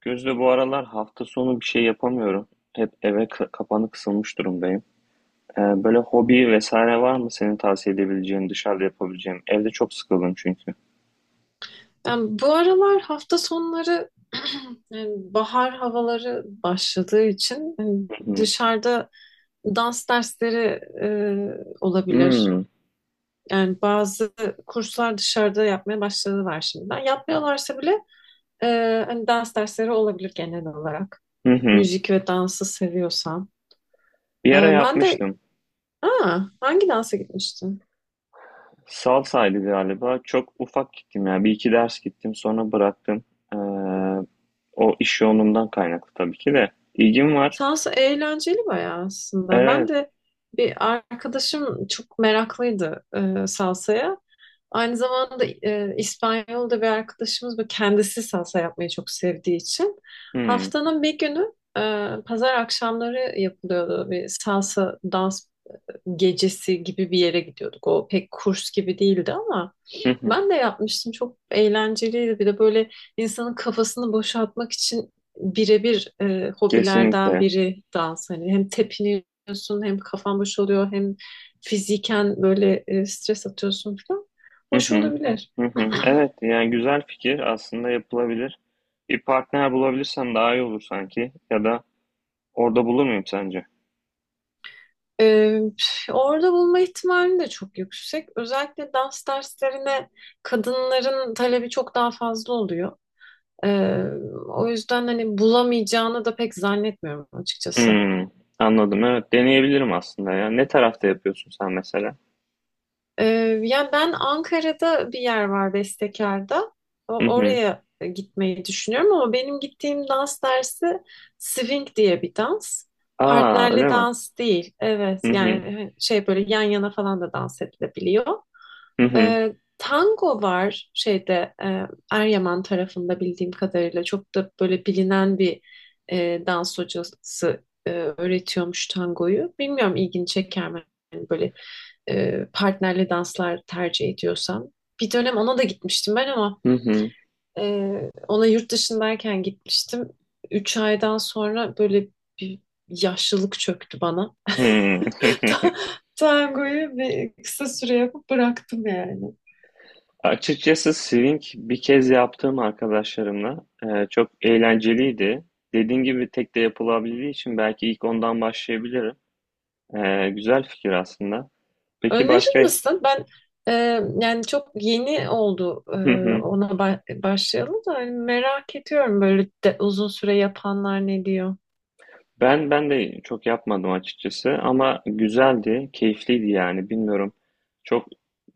Gözde, bu aralar hafta sonu bir şey yapamıyorum. Hep eve kapanı kısılmış durumdayım. Böyle hobi vesaire var mı senin tavsiye edebileceğin, dışarıda yapabileceğim? Evde çok sıkıldım çünkü. Ben bu aralar hafta sonları yani bahar havaları başladığı için hani Hı hı. dışarıda dans dersleri olabilir. Yani bazı kurslar dışarıda yapmaya başladılar şimdiden. Yapmıyorlarsa bile e, hani dans dersleri olabilir genel olarak. Hı hı. Müzik ve dansı seviyorsan. Bir ara Ben de yapmıştım. Hangi dansa gitmiştim? Salsaydı galiba. Çok ufak gittim ya. Bir iki ders gittim, sonra bıraktım. Ee, O iş yoğunluğundan kaynaklı tabii ki de. İlgim var. Sansa eğlenceli bayağı aslında. Ben Evet. de bir arkadaşım çok meraklıydı salsaya. Aynı zamanda İspanyol'da bir arkadaşımız bu kendisi salsa yapmayı çok sevdiği için Hı haftanın bir günü pazar akşamları yapılıyordu bir salsa dans gecesi gibi bir yere gidiyorduk. O pek kurs gibi değildi ama hı. Hı. ben de yapmıştım. Çok eğlenceliydi. Bir de böyle insanın kafasını boşaltmak için birebir hobilerden Kesinlikle. biri dans. Hani hem tepiniyorsun hem kafan boş oluyor, hem fiziken böyle stres atıyorsun falan. Hı Hoş hı. olabilir. Hı hı. Evet, yani güzel fikir, aslında yapılabilir. Bir partner bulabilirsem daha iyi olur sanki. Ya da orada bulur muyum sence? E, Orada bulma ihtimali de çok yüksek. Özellikle dans derslerine kadınların talebi çok daha fazla oluyor. E, O yüzden hani bulamayacağını da pek zannetmiyorum açıkçası. Hmm, anladım. Evet, deneyebilirim aslında ya. Ne tarafta yapıyorsun sen mesela? Ee, Yani ben Ankara'da bir yer var Bestekar'da. Hı hı. Oraya gitmeyi düşünüyorum ama benim gittiğim dans dersi swing diye bir dans. Aa, Partnerli öyle mi? dans değil. Evet Hı hı. yani şey böyle yan yana falan da dans edilebiliyor. Hı hı. Tango var şeyde Eryaman tarafında bildiğim kadarıyla çok da böyle bilinen bir dans hocası öğretiyormuş tangoyu. Bilmiyorum ilgini çeker mi? Yani böyle partnerli danslar tercih ediyorsam. Bir dönem ona da gitmiştim ben ama Hı hı. e, ona yurt dışındayken gitmiştim. Üç aydan sonra böyle bir yaşlılık çöktü bana. Hmm. Ta- Tangoyu bir kısa süre yapıp bıraktım yani. Açıkçası swing bir kez yaptığım arkadaşlarımla çok eğlenceliydi. Dediğin gibi tek de yapılabildiği için belki ilk ondan başlayabilirim. Güzel fikir aslında. Peki Önerir başka? misin? Ben e, yani çok yeni oldu ona başlayalım da hani merak ediyorum böyle de, uzun süre yapanlar ne diyor. Ben de çok yapmadım açıkçası ama güzeldi, keyifliydi, yani bilmiyorum. Çok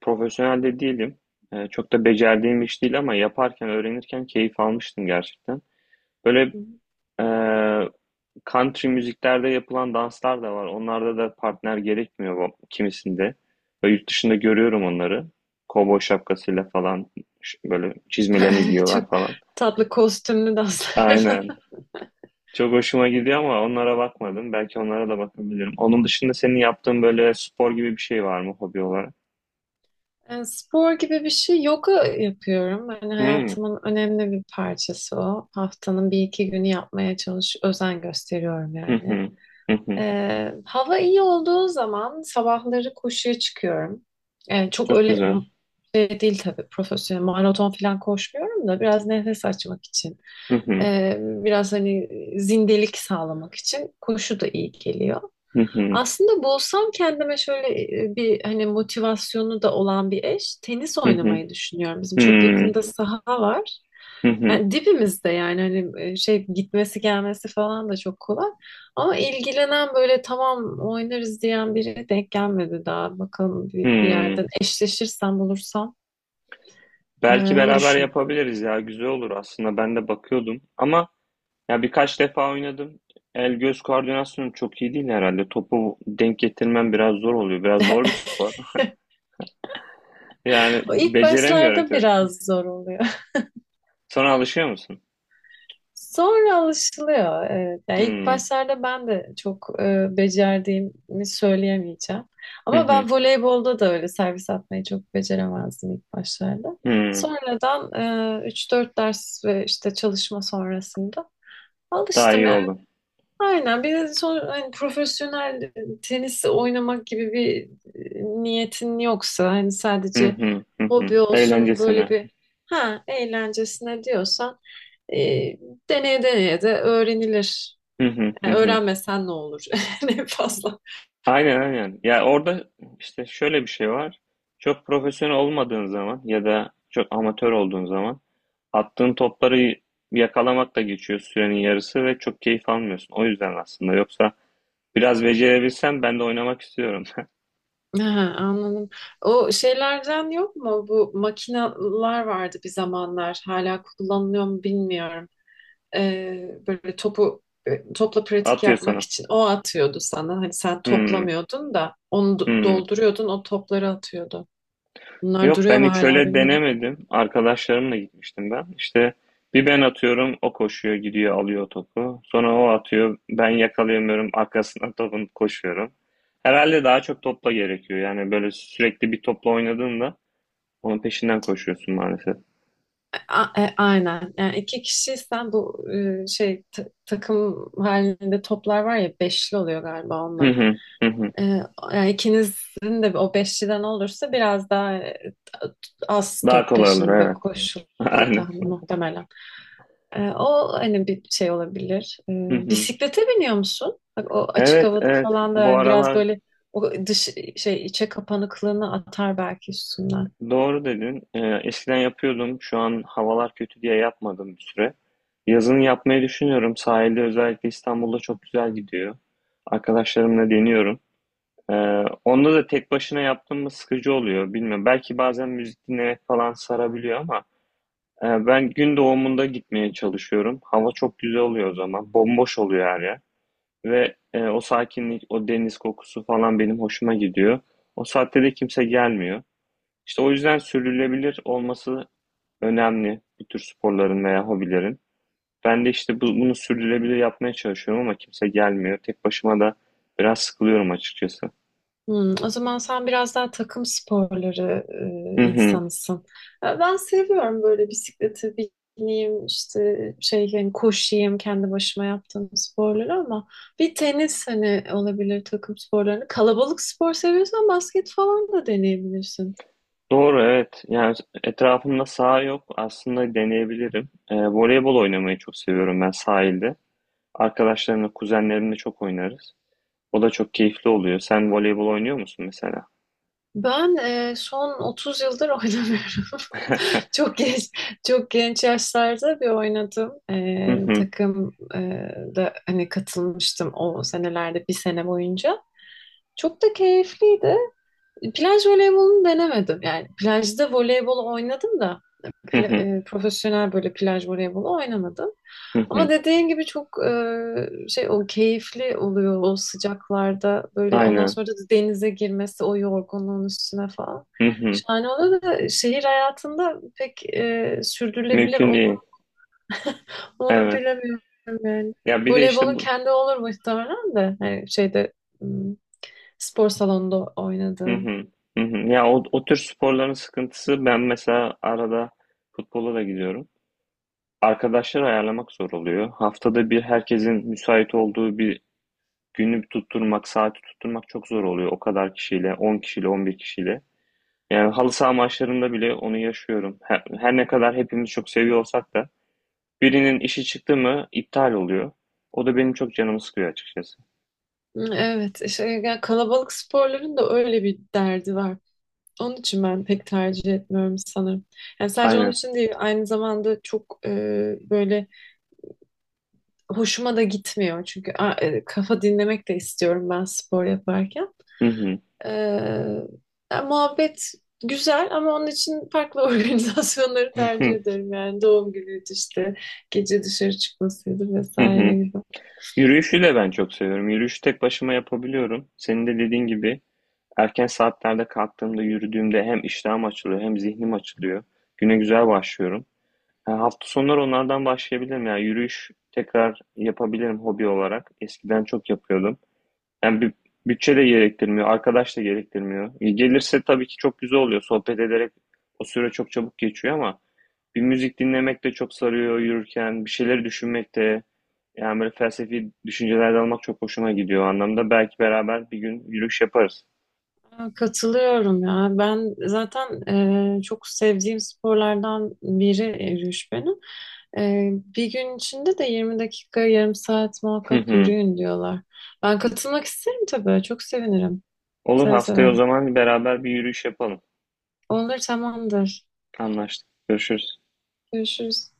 profesyonel de değilim. Çok da becerdiğim iş değil ama yaparken, öğrenirken keyif almıştım gerçekten. Böyle e, country müziklerde yapılan danslar da var. Onlarda da partner gerekmiyor kimisinde. Böyle yurt dışında görüyorum onları. Kovboy şapkasıyla falan, böyle çizmelerini Çok giyiyorlar falan. tatlı kostümlü danslar. Aynen. Çok hoşuma gidiyor ama onlara bakmadım. Belki onlara da bakabilirim. Onun dışında senin yaptığın böyle spor gibi bir şey var mı hobi olarak? Spor gibi bir şey yoga yapıyorum. Hani Hmm. hayatımın önemli bir parçası o. Haftanın bir iki günü yapmaya çalış, özen gösteriyorum Hı yani. hı. Hı hı. Hava iyi olduğu zaman sabahları koşuya çıkıyorum. Çok Çok öyle güzel. şey değil tabii profesyonel maraton falan koşmuyorum da biraz nefes açmak için. Hı hı. Biraz hani zindelik sağlamak için koşu da iyi geliyor. Hı hı. Aslında bulsam kendime şöyle bir hani motivasyonu da olan bir eş tenis Hı hı. oynamayı düşünüyorum. Bizim çok Hmm. yakında saha var. Hı hı. Yani dibimizde yani hani şey gitmesi gelmesi falan da çok kolay. Ama ilgilenen böyle tamam oynarız diyen biri denk gelmedi daha. Bakalım bir Hmm. yerden eşleşirsem bulursam Belki onu beraber düşünüyorum. yapabiliriz ya. Güzel olur aslında. Ben de bakıyordum. Ama ya birkaç defa oynadım. El göz koordinasyonum çok iyi değil herhalde. Topu denk getirmem biraz zor oluyor. Biraz zor bir spor. Yani O ilk beceremiyorum başlarda çok. biraz zor oluyor. Sonra alışıyor musun? Sonra alışılıyor. Evet. Yani ilk Hmm. başlarda ben de çok becerdiğimi söyleyemeyeceğim. Hı Ama hı. ben voleybolda da öyle servis atmayı çok beceremezdim ilk başlarda. Hımm. Sonradan 3-4 ders ve işte çalışma sonrasında Daha alıştım. iyi oldu. Aynen bir de son, hani profesyonel tenis oynamak gibi bir niyetin yoksa hani Hı sadece hı, hı hı. hobi olsun böyle Eğlencesine. bir ha eğlencesine diyorsan e, deneye deneye de öğrenilir. Hı hı, hı Yani hı. öğrenmesen ne olur ne fazla. Aynen, aynen. Ya, orada, işte, şöyle bir şey var. Çok profesyonel olmadığın zaman ya da çok amatör olduğun zaman attığın topları yakalamakla geçiyor sürenin yarısı ve çok keyif almıyorsun. O yüzden aslında. Yoksa biraz becerebilsem ben de oynamak istiyorum. Ha, anladım. O şeylerden yok mu? Bu makineler vardı bir zamanlar. Hala kullanılıyor mu bilmiyorum. Böyle topu topla pratik At ya yapmak sana. için o atıyordu sana. Hani sen Hımm. toplamıyordun da onu Hımm. dolduruyordun o topları atıyordu. Bunlar Yok, duruyor ben mu hiç hala öyle bilmiyorum. denemedim. Arkadaşlarımla gitmiştim ben. İşte bir ben atıyorum, o koşuyor gidiyor alıyor topu. Sonra o atıyor, ben yakalayamıyorum, arkasına topun koşuyorum. Herhalde daha çok topla gerekiyor. Yani böyle sürekli bir topla oynadığında onun peşinden koşuyorsun maalesef. Aynen. Yani iki kişiysen bu şey takım halinde toplar var ya beşli oluyor galiba Hı onlar. hı, hı hı. Ee, Yani ikinizin de o beşliden olursa biraz daha az Daha top kolay olur, peşinde evet. koşulur Aynen. tahmin muhtemelen. O hani bir şey olabilir. Hı hı. Bisiklete biniyor musun? Bak, o açık Evet, havada evet, falan da bu yani biraz aralar böyle o dış şey içe kapanıklığını atar belki üstünden. doğru dedin. Eskiden yapıyordum, şu an havalar kötü diye yapmadım bir süre. Yazın yapmayı düşünüyorum. Sahilde, özellikle İstanbul'da çok güzel gidiyor. Arkadaşlarımla deniyorum. Ee, Onda da tek başına yaptığım mı sıkıcı oluyor bilmiyorum. Belki bazen müzik dinlemek falan sarabiliyor ama ben gün doğumunda gitmeye çalışıyorum. Hava çok güzel oluyor o zaman. Bomboş oluyor her yer. Ve o sakinlik, o deniz kokusu falan benim hoşuma gidiyor. O saatte de kimse gelmiyor. İşte o yüzden sürdürülebilir olması önemli bu tür sporların veya hobilerin. Ben de işte bunu sürdürülebilir yapmaya çalışıyorum ama kimse gelmiyor. Tek başıma da biraz sıkılıyorum açıkçası. Hmm, o zaman sen biraz daha takım sporları Hı hı. insanısın. E, ben seviyorum böyle bisiklete bineyim, işte şey yani koşayım kendi başıma yaptığım sporları ama bir tenis hani olabilir takım sporlarını. Kalabalık spor seviyorsan basket falan da deneyebilirsin. Doğru, evet. Yani etrafımda saha yok. Aslında deneyebilirim. Voleybol oynamayı çok seviyorum ben sahilde. Arkadaşlarımla, kuzenlerimle çok oynarız. O da çok keyifli oluyor. Sen voleybol oynuyor musun mesela? Ben son 30 yıldır oynamıyorum. Çok genç, çok genç yaşlarda bir oynadım. Hı hı. Takım da hani katılmıştım o senelerde bir sene boyunca. Çok da keyifliydi. Plaj voleybolunu denemedim. Yani plajda voleybol oynadım da Hı hı. Profesyonel böyle plaj voleybolu oynamadım. Hı Ama hı. dediğin gibi çok şey o keyifli oluyor o sıcaklarda böyle ondan Aynen. sonra da denize girmesi o yorgunluğun üstüne falan. Hı hı. Şahane oluyor da şehir hayatında pek sürdürülebilir Mümkün olur değil. mu onu Evet. bilemiyorum yani. Ya bir de işte Voleybolun bu. kendi olur muhtemelen de. Hani şeyde hmm, spor salonunda Hı oynadığın. hı. Hı hı. Ya o tür sporların sıkıntısı, ben mesela arada futbola da gidiyorum. Arkadaşları ayarlamak zor oluyor. Haftada bir herkesin müsait olduğu bir günü tutturmak, saati tutturmak çok zor oluyor. O kadar kişiyle, 10 kişiyle, 11 kişiyle. Yani halı saha maçlarında bile onu yaşıyorum. Her ne kadar hepimiz çok seviyor olsak da birinin işi çıktı mı iptal oluyor. O da benim çok canımı sıkıyor açıkçası. Evet, işte yani kalabalık sporların da öyle bir derdi var. Onun için ben pek tercih etmiyorum sanırım. Yani sadece onun Aynen. için değil, aynı zamanda çok böyle hoşuma da gitmiyor. Çünkü kafa dinlemek de istiyorum ben spor yaparken. Ee, Yani muhabbet güzel ama onun için farklı organizasyonları tercih ederim. Yani doğum günüydü işte gece dışarı çıkmasıydı Hı vesaire hı. gibi. Yürüyüşü de ben çok seviyorum. Yürüyüşü tek başıma yapabiliyorum. Senin de dediğin gibi erken saatlerde kalktığımda, yürüdüğümde hem iştahım açılıyor hem zihnim açılıyor. Güne güzel başlıyorum. Ha, hafta sonları onlardan başlayabilirim. Yani yürüyüş tekrar yapabilirim hobi olarak. Eskiden çok yapıyordum. Yani bir bütçe de gerektirmiyor, arkadaş da gerektirmiyor. Gelirse tabii ki çok güzel oluyor. Sohbet ederek o süre çok çabuk geçiyor ama bir müzik dinlemek de çok sarıyor yürürken, bir şeyleri düşünmek de, yani böyle felsefi düşünceler de almak çok hoşuma gidiyor o anlamda. Belki beraber bir gün yürüyüş yaparız. Ya, katılıyorum ya. Ben zaten çok sevdiğim sporlardan biri yürüyüş benim. E, Bir gün içinde de 20 dakika, yarım saat Hı muhakkak hı. yürüyün diyorlar. Ben katılmak isterim tabii. Çok sevinirim. Olur, Seve haftaya seve. o zaman beraber bir yürüyüş yapalım. Olur tamamdır. Anlaştık. Görüşürüz. Görüşürüz.